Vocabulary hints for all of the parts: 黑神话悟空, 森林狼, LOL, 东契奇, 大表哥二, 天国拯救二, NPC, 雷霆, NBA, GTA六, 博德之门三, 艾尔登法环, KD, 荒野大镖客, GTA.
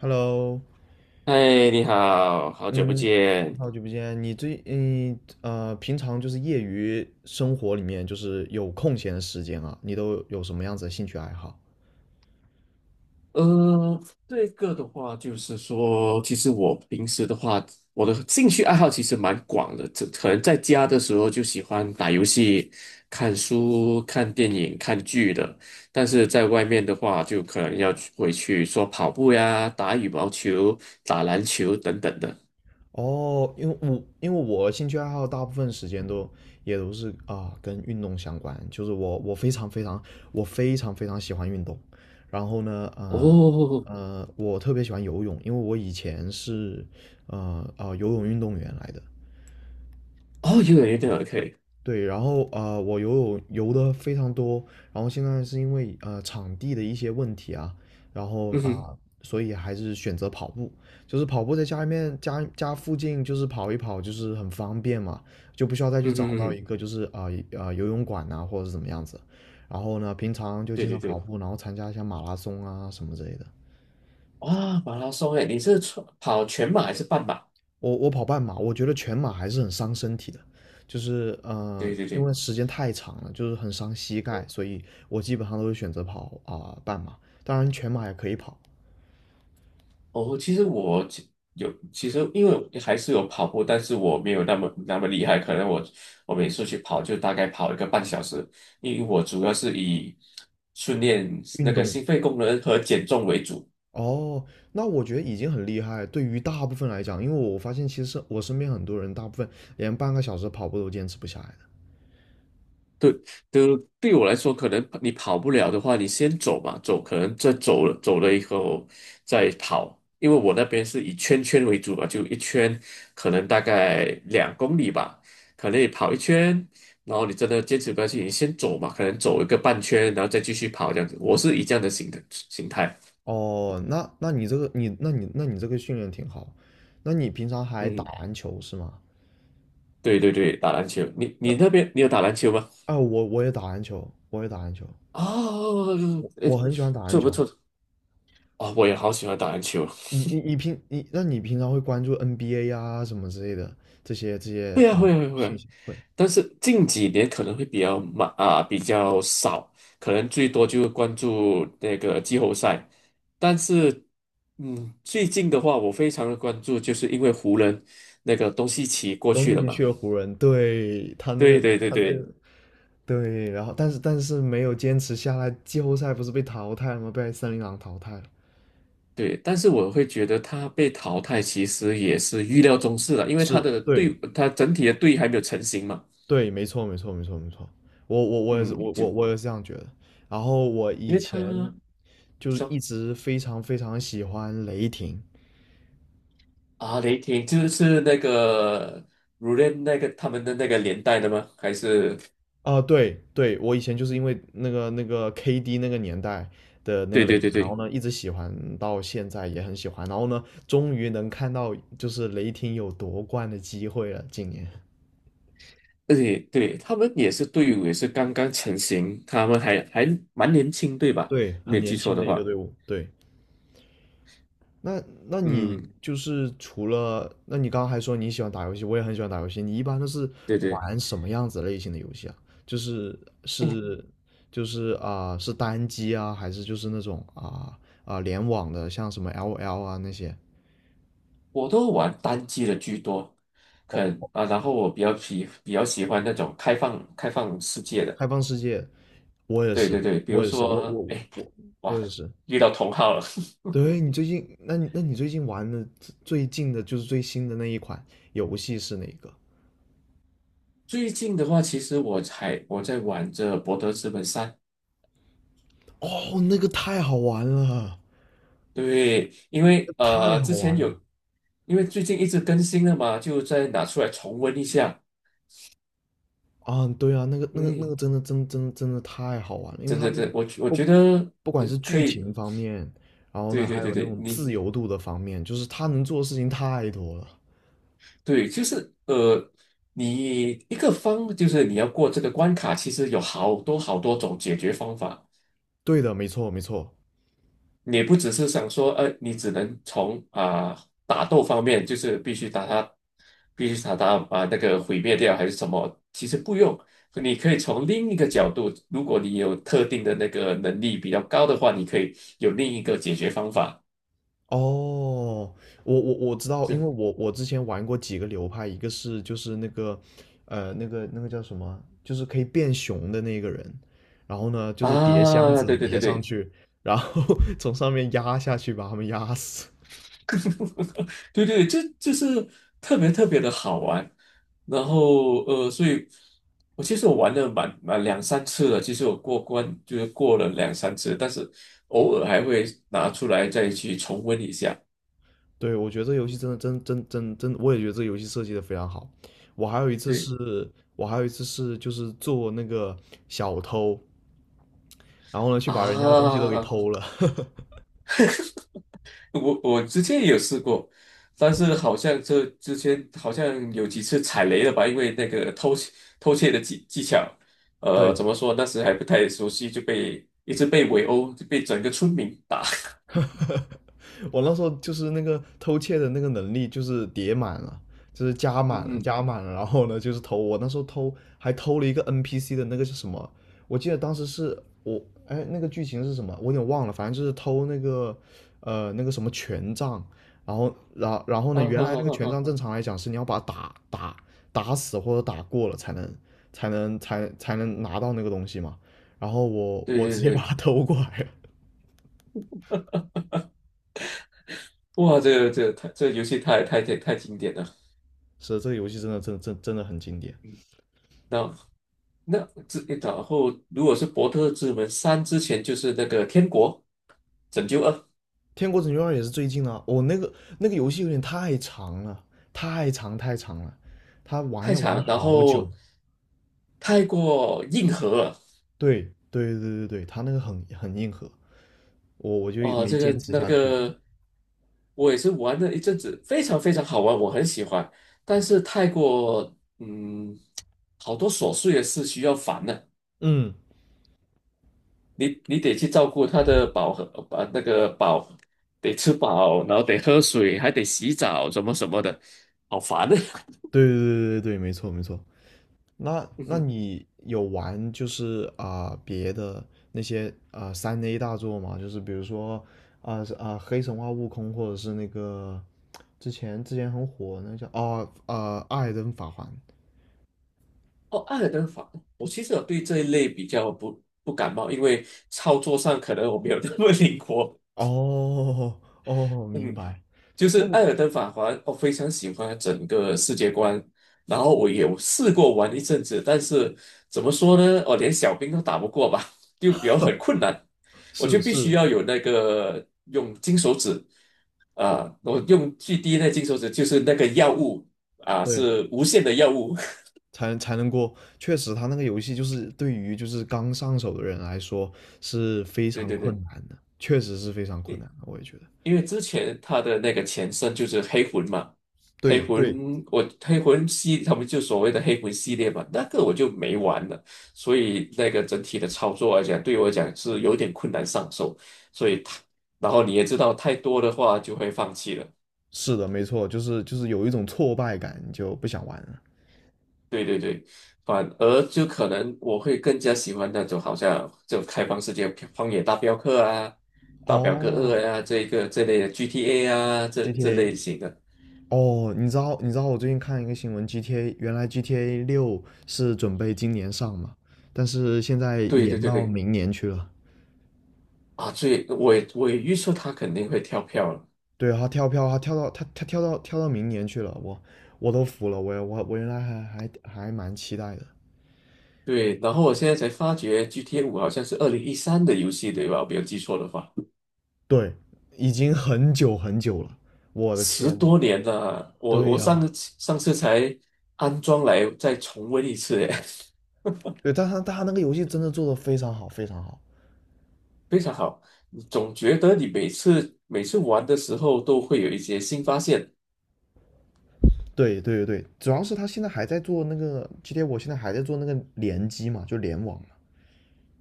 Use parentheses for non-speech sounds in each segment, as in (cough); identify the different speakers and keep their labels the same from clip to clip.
Speaker 1: Hello，
Speaker 2: 嗨，你好，好久不
Speaker 1: 嗯，
Speaker 2: 见。
Speaker 1: 好久不见。你最嗯呃，平常就是业余生活里面，就是有空闲的时间啊，你都有什么样子的兴趣爱好？
Speaker 2: 呃，这个的话就是说，其实我平时的话，我的兴趣爱好其实蛮广的。这可能在家的时候就喜欢打游戏、看书、看电影、看剧的，但是在外面的话，就可能要去回去说跑步呀、打羽毛球、打篮球等等的。
Speaker 1: 哦，因为我兴趣爱好大部分时间都也都是啊跟运动相关，就是我非常非常喜欢运动。然后呢，
Speaker 2: 哦，
Speaker 1: 我特别喜欢游泳，因为我以前是游泳运动员来的。
Speaker 2: 哦，有点 OK，
Speaker 1: 对，然后我游泳游的非常多，然后现在是因为场地的一些问题啊，然后
Speaker 2: 嗯哼，
Speaker 1: 所以还是选择跑步，就是跑步在家里面家附近就是跑一跑，就是很方便嘛，就不需要再去
Speaker 2: 嗯
Speaker 1: 找
Speaker 2: 哼嗯
Speaker 1: 到一
Speaker 2: 哼，
Speaker 1: 个就是游泳馆呐、或者是怎么样子，然后呢，平常就
Speaker 2: 对
Speaker 1: 经
Speaker 2: 对
Speaker 1: 常
Speaker 2: 对，
Speaker 1: 跑步，然后参加一下马拉松啊什么之类的。
Speaker 2: 哇，马拉松诶，你是跑全马还是半马？
Speaker 1: 我跑半马，我觉得全马还是很伤身体的，就是
Speaker 2: 对对
Speaker 1: 因
Speaker 2: 对，
Speaker 1: 为时间太长了，就是很伤膝盖，所以我基本上都会选择跑半马。当然，全马也可以跑。
Speaker 2: 哦，其实我其实因为我还是有跑步，但是我没有那么那么厉害，可能我每次去跑就大概跑1个半小时，因为我主要是以训练那
Speaker 1: 运
Speaker 2: 个
Speaker 1: 动。
Speaker 2: 心肺功能和减重为主。
Speaker 1: 哦，那我觉得已经很厉害。对于大部分来讲，因为我发现其实我身边很多人，大部分连半个小时跑步都坚持不下来的。
Speaker 2: 对，对，对我来说，可能你跑不了的话，你先走嘛，走，可能再走了，走了以后再跑，因为我那边是以圈圈为主嘛，就一圈，可能大概2公里吧，可能你跑一圈，然后你真的坚持不下去，你先走嘛，可能走一个半圈，然后再继续跑这样子，我是以这样的形态，
Speaker 1: 哦，那你这个训练挺好。那你平常还打
Speaker 2: 嗯，
Speaker 1: 篮球是吗？
Speaker 2: 对对对，打篮球，你
Speaker 1: 那
Speaker 2: 那边你有打篮球吗？
Speaker 1: ，我也打篮球，我也打篮球，
Speaker 2: 哦，哎，
Speaker 1: 我很喜欢打篮
Speaker 2: 这不
Speaker 1: 球。
Speaker 2: 错，我也好喜欢打篮球。
Speaker 1: 你你你平你，那你平常会关注 NBA 啊什么之类的这些这些
Speaker 2: 会啊，
Speaker 1: 啊
Speaker 2: 会啊，会啊会
Speaker 1: 讯
Speaker 2: 啊，
Speaker 1: 息？会。
Speaker 2: 但是近几年可能会比较慢啊，比较少，可能最多就关注那个季后赛。但是，嗯，最近的话，我非常的关注，就是因为湖人那个东契奇过
Speaker 1: 东
Speaker 2: 去
Speaker 1: 契
Speaker 2: 了
Speaker 1: 奇
Speaker 2: 嘛。
Speaker 1: 去了湖人，对。他那个
Speaker 2: 对对对
Speaker 1: 他那
Speaker 2: 对
Speaker 1: 个对，然后但是没有坚持下来，季后赛不是被淘汰了吗？被森林狼淘汰了。
Speaker 2: 对，但是我会觉得他被淘汰其实也是预料中事了，因为他
Speaker 1: 是，
Speaker 2: 的
Speaker 1: 对
Speaker 2: 队，他整体的队还没有成型嘛。
Speaker 1: 对，没错没错没错没错，我我我也是
Speaker 2: 嗯，
Speaker 1: 我我
Speaker 2: 就
Speaker 1: 我也是这样觉得。然后我
Speaker 2: 因
Speaker 1: 以
Speaker 2: 为
Speaker 1: 前
Speaker 2: 他，
Speaker 1: 就
Speaker 2: 你
Speaker 1: 是一
Speaker 2: 说。
Speaker 1: 直非常非常喜欢雷霆，
Speaker 2: 啊，雷霆就是那个 r u 那个他们的那个年代的吗？还是？
Speaker 1: 对对，我以前就是因为那个 KD 那个年代的那个
Speaker 2: 对
Speaker 1: 雷
Speaker 2: 对对
Speaker 1: 霆，然后
Speaker 2: 对，
Speaker 1: 呢一直喜欢到现在也很喜欢，然后呢终于能看到就是雷霆有夺冠的机会了，今年。
Speaker 2: 而且对他们也是队伍也是刚刚成型，他们还蛮年轻，对吧？
Speaker 1: 对，
Speaker 2: 没
Speaker 1: 很
Speaker 2: 有记
Speaker 1: 年
Speaker 2: 错
Speaker 1: 轻的
Speaker 2: 的
Speaker 1: 一个
Speaker 2: 话，
Speaker 1: 队伍，对。那那你
Speaker 2: 嗯，
Speaker 1: 就是除了，那你刚刚还说你喜欢打游戏，我也很喜欢打游戏。你一般都是
Speaker 2: 对对，
Speaker 1: 玩什么样子类型的游戏啊？就是是是单机啊，还是就是那种联网的，像什么 LOL 啊那些？
Speaker 2: 我都玩单机的居多，可能
Speaker 1: 哦，
Speaker 2: 啊，然后我比较喜欢那种开放世界的，
Speaker 1: 开放世界，我也
Speaker 2: 对对
Speaker 1: 是，
Speaker 2: 对，比
Speaker 1: 我
Speaker 2: 如
Speaker 1: 也是，我
Speaker 2: 说，
Speaker 1: 我
Speaker 2: 哎，
Speaker 1: 我我
Speaker 2: 哇，
Speaker 1: 也是。
Speaker 2: 遇到同好了。(laughs)
Speaker 1: 对，你最近，那你那你最近玩的最近的就是最新的那一款游戏是哪个？
Speaker 2: 最近的话，其实我在玩着《博德之门三》，
Speaker 1: 哦，那个太好玩了。
Speaker 2: 对，因
Speaker 1: 那
Speaker 2: 为
Speaker 1: 个太好
Speaker 2: 之前
Speaker 1: 玩
Speaker 2: 有，
Speaker 1: 了。
Speaker 2: 因为最近一直更新了嘛，就再拿出来重温一下。
Speaker 1: 啊，对啊，那个那个那
Speaker 2: 嗯，
Speaker 1: 个真的真的太好玩了，因为
Speaker 2: 真
Speaker 1: 他
Speaker 2: 的，
Speaker 1: 那
Speaker 2: 真
Speaker 1: 个
Speaker 2: 的，我觉
Speaker 1: 不
Speaker 2: 得
Speaker 1: 不管是
Speaker 2: 可
Speaker 1: 剧
Speaker 2: 以，
Speaker 1: 情方面，然后呢
Speaker 2: 对
Speaker 1: 还
Speaker 2: 对对
Speaker 1: 有那
Speaker 2: 对，
Speaker 1: 种自
Speaker 2: 你
Speaker 1: 由度的方面，就是他能做的事情太多了。
Speaker 2: 对，就是你一个方就是你要过这个关卡，其实有好多好多种解决方法。
Speaker 1: 对的，没错没错。
Speaker 2: 你不只是想说，你只能从打斗方面，就是必须打他，必须把那个毁灭掉还是什么？其实不用，你可以从另一个角度，如果你有特定的那个能力比较高的话，你可以有另一个解决方法。
Speaker 1: 哦，我知道，因为
Speaker 2: 是
Speaker 1: 我之前玩过几个流派，一个是就是那个那个叫什么，就是可以变熊的那个人，然后呢就是叠箱
Speaker 2: 啊，
Speaker 1: 子
Speaker 2: 对对对
Speaker 1: 叠上
Speaker 2: 对，
Speaker 1: 去，然后 (laughs) 从上面压下去把他们压死。
Speaker 2: 对对，这就是特别特别的好玩。然后所以其实我玩了蛮两三次了，其实我过关就是过了两三次，但是偶尔还会拿出来再去重温一下。
Speaker 1: 对，我觉得这游戏真的真真真真，我也觉得这游戏设计的非常好。我还有一次
Speaker 2: 对
Speaker 1: 是，我还有一次是就是做那个小偷，然后呢去把人家东西都给
Speaker 2: 啊，
Speaker 1: 偷了。(laughs)
Speaker 2: 我之前也有试过，但是好像这之前好像有几次踩雷了吧，因为那个偷窃的技巧，
Speaker 1: 对，
Speaker 2: 怎么说那时还不太熟悉，就被一直被围殴，就被整个村民打。(laughs)
Speaker 1: 我那时候就是那个偷窃的那个能力就是叠满了，就是加
Speaker 2: 嗯
Speaker 1: 满了，
Speaker 2: 哼。
Speaker 1: 加满了。然后呢，就是偷，我那时候偷还偷了一个 NPC 的那个是什么？我记得当时是我哎，那个剧情是什么？我有点忘了，反正就是偷那个那个什么权杖，然后然然
Speaker 2: (laughs)
Speaker 1: 后呢，
Speaker 2: 啊
Speaker 1: 原
Speaker 2: 哈
Speaker 1: 来那
Speaker 2: 哈
Speaker 1: 个
Speaker 2: 哈
Speaker 1: 权杖
Speaker 2: 哈！
Speaker 1: 正常来讲是你要把它打死或者打过了才能拿到那个东西嘛。然后我
Speaker 2: 对
Speaker 1: 我直接
Speaker 2: 对
Speaker 1: 把
Speaker 2: 对，
Speaker 1: 它偷过来了。
Speaker 2: 哇，这个这个太这个游戏太经典了。
Speaker 1: (laughs) 是，这个游戏真的真的很经典。
Speaker 2: 那那这然后如果是《博特之门三》之前就是那个《天国拯救二》，
Speaker 1: 天国拯救二也是最近的哦，那个游戏有点太长了，太长太长了，他玩
Speaker 2: 太
Speaker 1: 要
Speaker 2: 长
Speaker 1: 玩
Speaker 2: 了，然
Speaker 1: 好久。
Speaker 2: 后太过硬核了。
Speaker 1: 对对对对对，他那个很硬核，我就
Speaker 2: 哦，
Speaker 1: 没
Speaker 2: 这
Speaker 1: 坚
Speaker 2: 个
Speaker 1: 持
Speaker 2: 那
Speaker 1: 下去。
Speaker 2: 个我也是玩了一阵子，非常非常好玩，我很喜欢，但是太过好多琐碎的事需要烦的。
Speaker 1: 嗯，
Speaker 2: 你得去照顾它的饱和，把那个饱，得吃饱，然后得喝水，还得洗澡，什么什么的，好烦的。(laughs)
Speaker 1: 对对对对对，没错没错。那
Speaker 2: 嗯
Speaker 1: 那
Speaker 2: 哼
Speaker 1: 你有玩就是别的那些3A 大作吗？就是比如说黑神话悟空，或者是那个之前很火那叫艾尔登法环。
Speaker 2: 哦，爱尔兰法，其实我对这一类比较不感冒，因为操作上可能我没有那么灵活。
Speaker 1: 哦，哦，明
Speaker 2: 嗯，
Speaker 1: 白。
Speaker 2: 就
Speaker 1: 那
Speaker 2: 是
Speaker 1: 你
Speaker 2: 《艾尔登法环》，我非常喜欢整个世界观。然后我有试过玩一阵子，但是怎么说呢？我连小兵都打不过吧，(laughs) 就比较很困难。我就
Speaker 1: 是
Speaker 2: 必须
Speaker 1: 是，
Speaker 2: 要有那个用金手指我用最低那金手指就是那个药物
Speaker 1: 对，
Speaker 2: 是无限的药物。
Speaker 1: 才能过。确实，他那个游戏就是对于就是刚上手的人来说是非
Speaker 2: (laughs) 对
Speaker 1: 常
Speaker 2: 对
Speaker 1: 困
Speaker 2: 对。
Speaker 1: 难的，确实是非常困难的，我也觉得。
Speaker 2: 因为之前他的那个前身就是黑魂嘛，黑
Speaker 1: 对对，
Speaker 2: 魂我黑魂系他们就所谓的黑魂系列嘛，那个我就没玩了，所以那个整体的操作来讲，对我来讲是有点困难上手，所以它，然后你也知道太多的话就会放弃了，
Speaker 1: 是的，没错，就是有一种挫败感，你就不想玩了。
Speaker 2: 对对对，反而就可能我会更加喜欢那种好像就开放世界《荒野大镖客》啊，《大表哥
Speaker 1: 哦
Speaker 2: 二》啊，这一个这类的 GTA 啊，这
Speaker 1: ，GTA，
Speaker 2: 类型的。
Speaker 1: 哦，你知道我最近看一个新闻，GTA 原来 GTA6是准备今年上嘛，但是现在
Speaker 2: 对对
Speaker 1: 延
Speaker 2: 对
Speaker 1: 到
Speaker 2: 对，
Speaker 1: 明年去了。
Speaker 2: 啊，最我也我也预测他肯定会跳票了。
Speaker 1: 对，他跳票，他跳到明年去了，我我都服了，我原来还蛮期待的，
Speaker 2: 对，然后我现在才发觉 GTA 5好像是2013的游戏，对吧？我没有记错的话，
Speaker 1: 对，已经很久很久了，我的
Speaker 2: 十
Speaker 1: 天，
Speaker 2: 多年了啊。我
Speaker 1: 对
Speaker 2: 我上
Speaker 1: 呀、
Speaker 2: 次上次才安装来再重温一次，哎，
Speaker 1: 对，但他那个游戏真的做的非常好，非常好，
Speaker 2: (laughs) 非常好。总觉得你每次每次玩的时候都会有一些新发现。
Speaker 1: 对对对，主要是他现在还在做那个今天我现在还在做那个联机嘛，就联网嘛，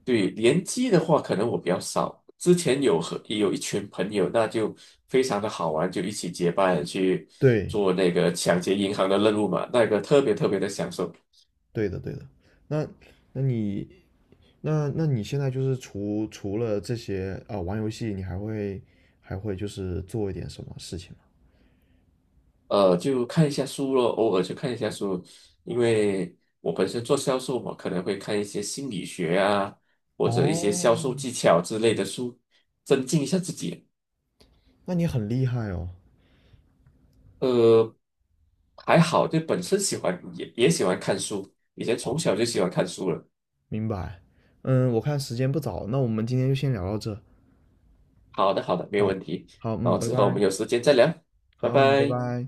Speaker 2: 对，联机的话，可能我比较少。之前也有一群朋友，那就非常的好玩，就一起结伴去
Speaker 1: 对，
Speaker 2: 做那个抢劫银行的任务嘛，那个特别特别的享受。
Speaker 1: 对的对的。那那你那你现在就是除了这些玩游戏，你还会就是做一点什么事情？
Speaker 2: 就看一下书咯，偶尔去看一下书，因为我本身做销售嘛，可能会看一些心理学啊，或者一些销
Speaker 1: 哦，
Speaker 2: 售技巧之类的书，增进一下自己。
Speaker 1: 那你很厉害哦，
Speaker 2: 呃，还好，就本身喜欢也喜欢看书，以前从小就喜欢看书了。
Speaker 1: 明白。嗯，我看时间不早，那我们今天就先聊到这。
Speaker 2: 好的，好的，没有问
Speaker 1: 好，
Speaker 2: 题。
Speaker 1: 好，
Speaker 2: 然
Speaker 1: 嗯，
Speaker 2: 后
Speaker 1: 拜
Speaker 2: 之后我
Speaker 1: 拜。
Speaker 2: 们有时间再聊，拜
Speaker 1: 好，嗯，拜
Speaker 2: 拜。
Speaker 1: 拜。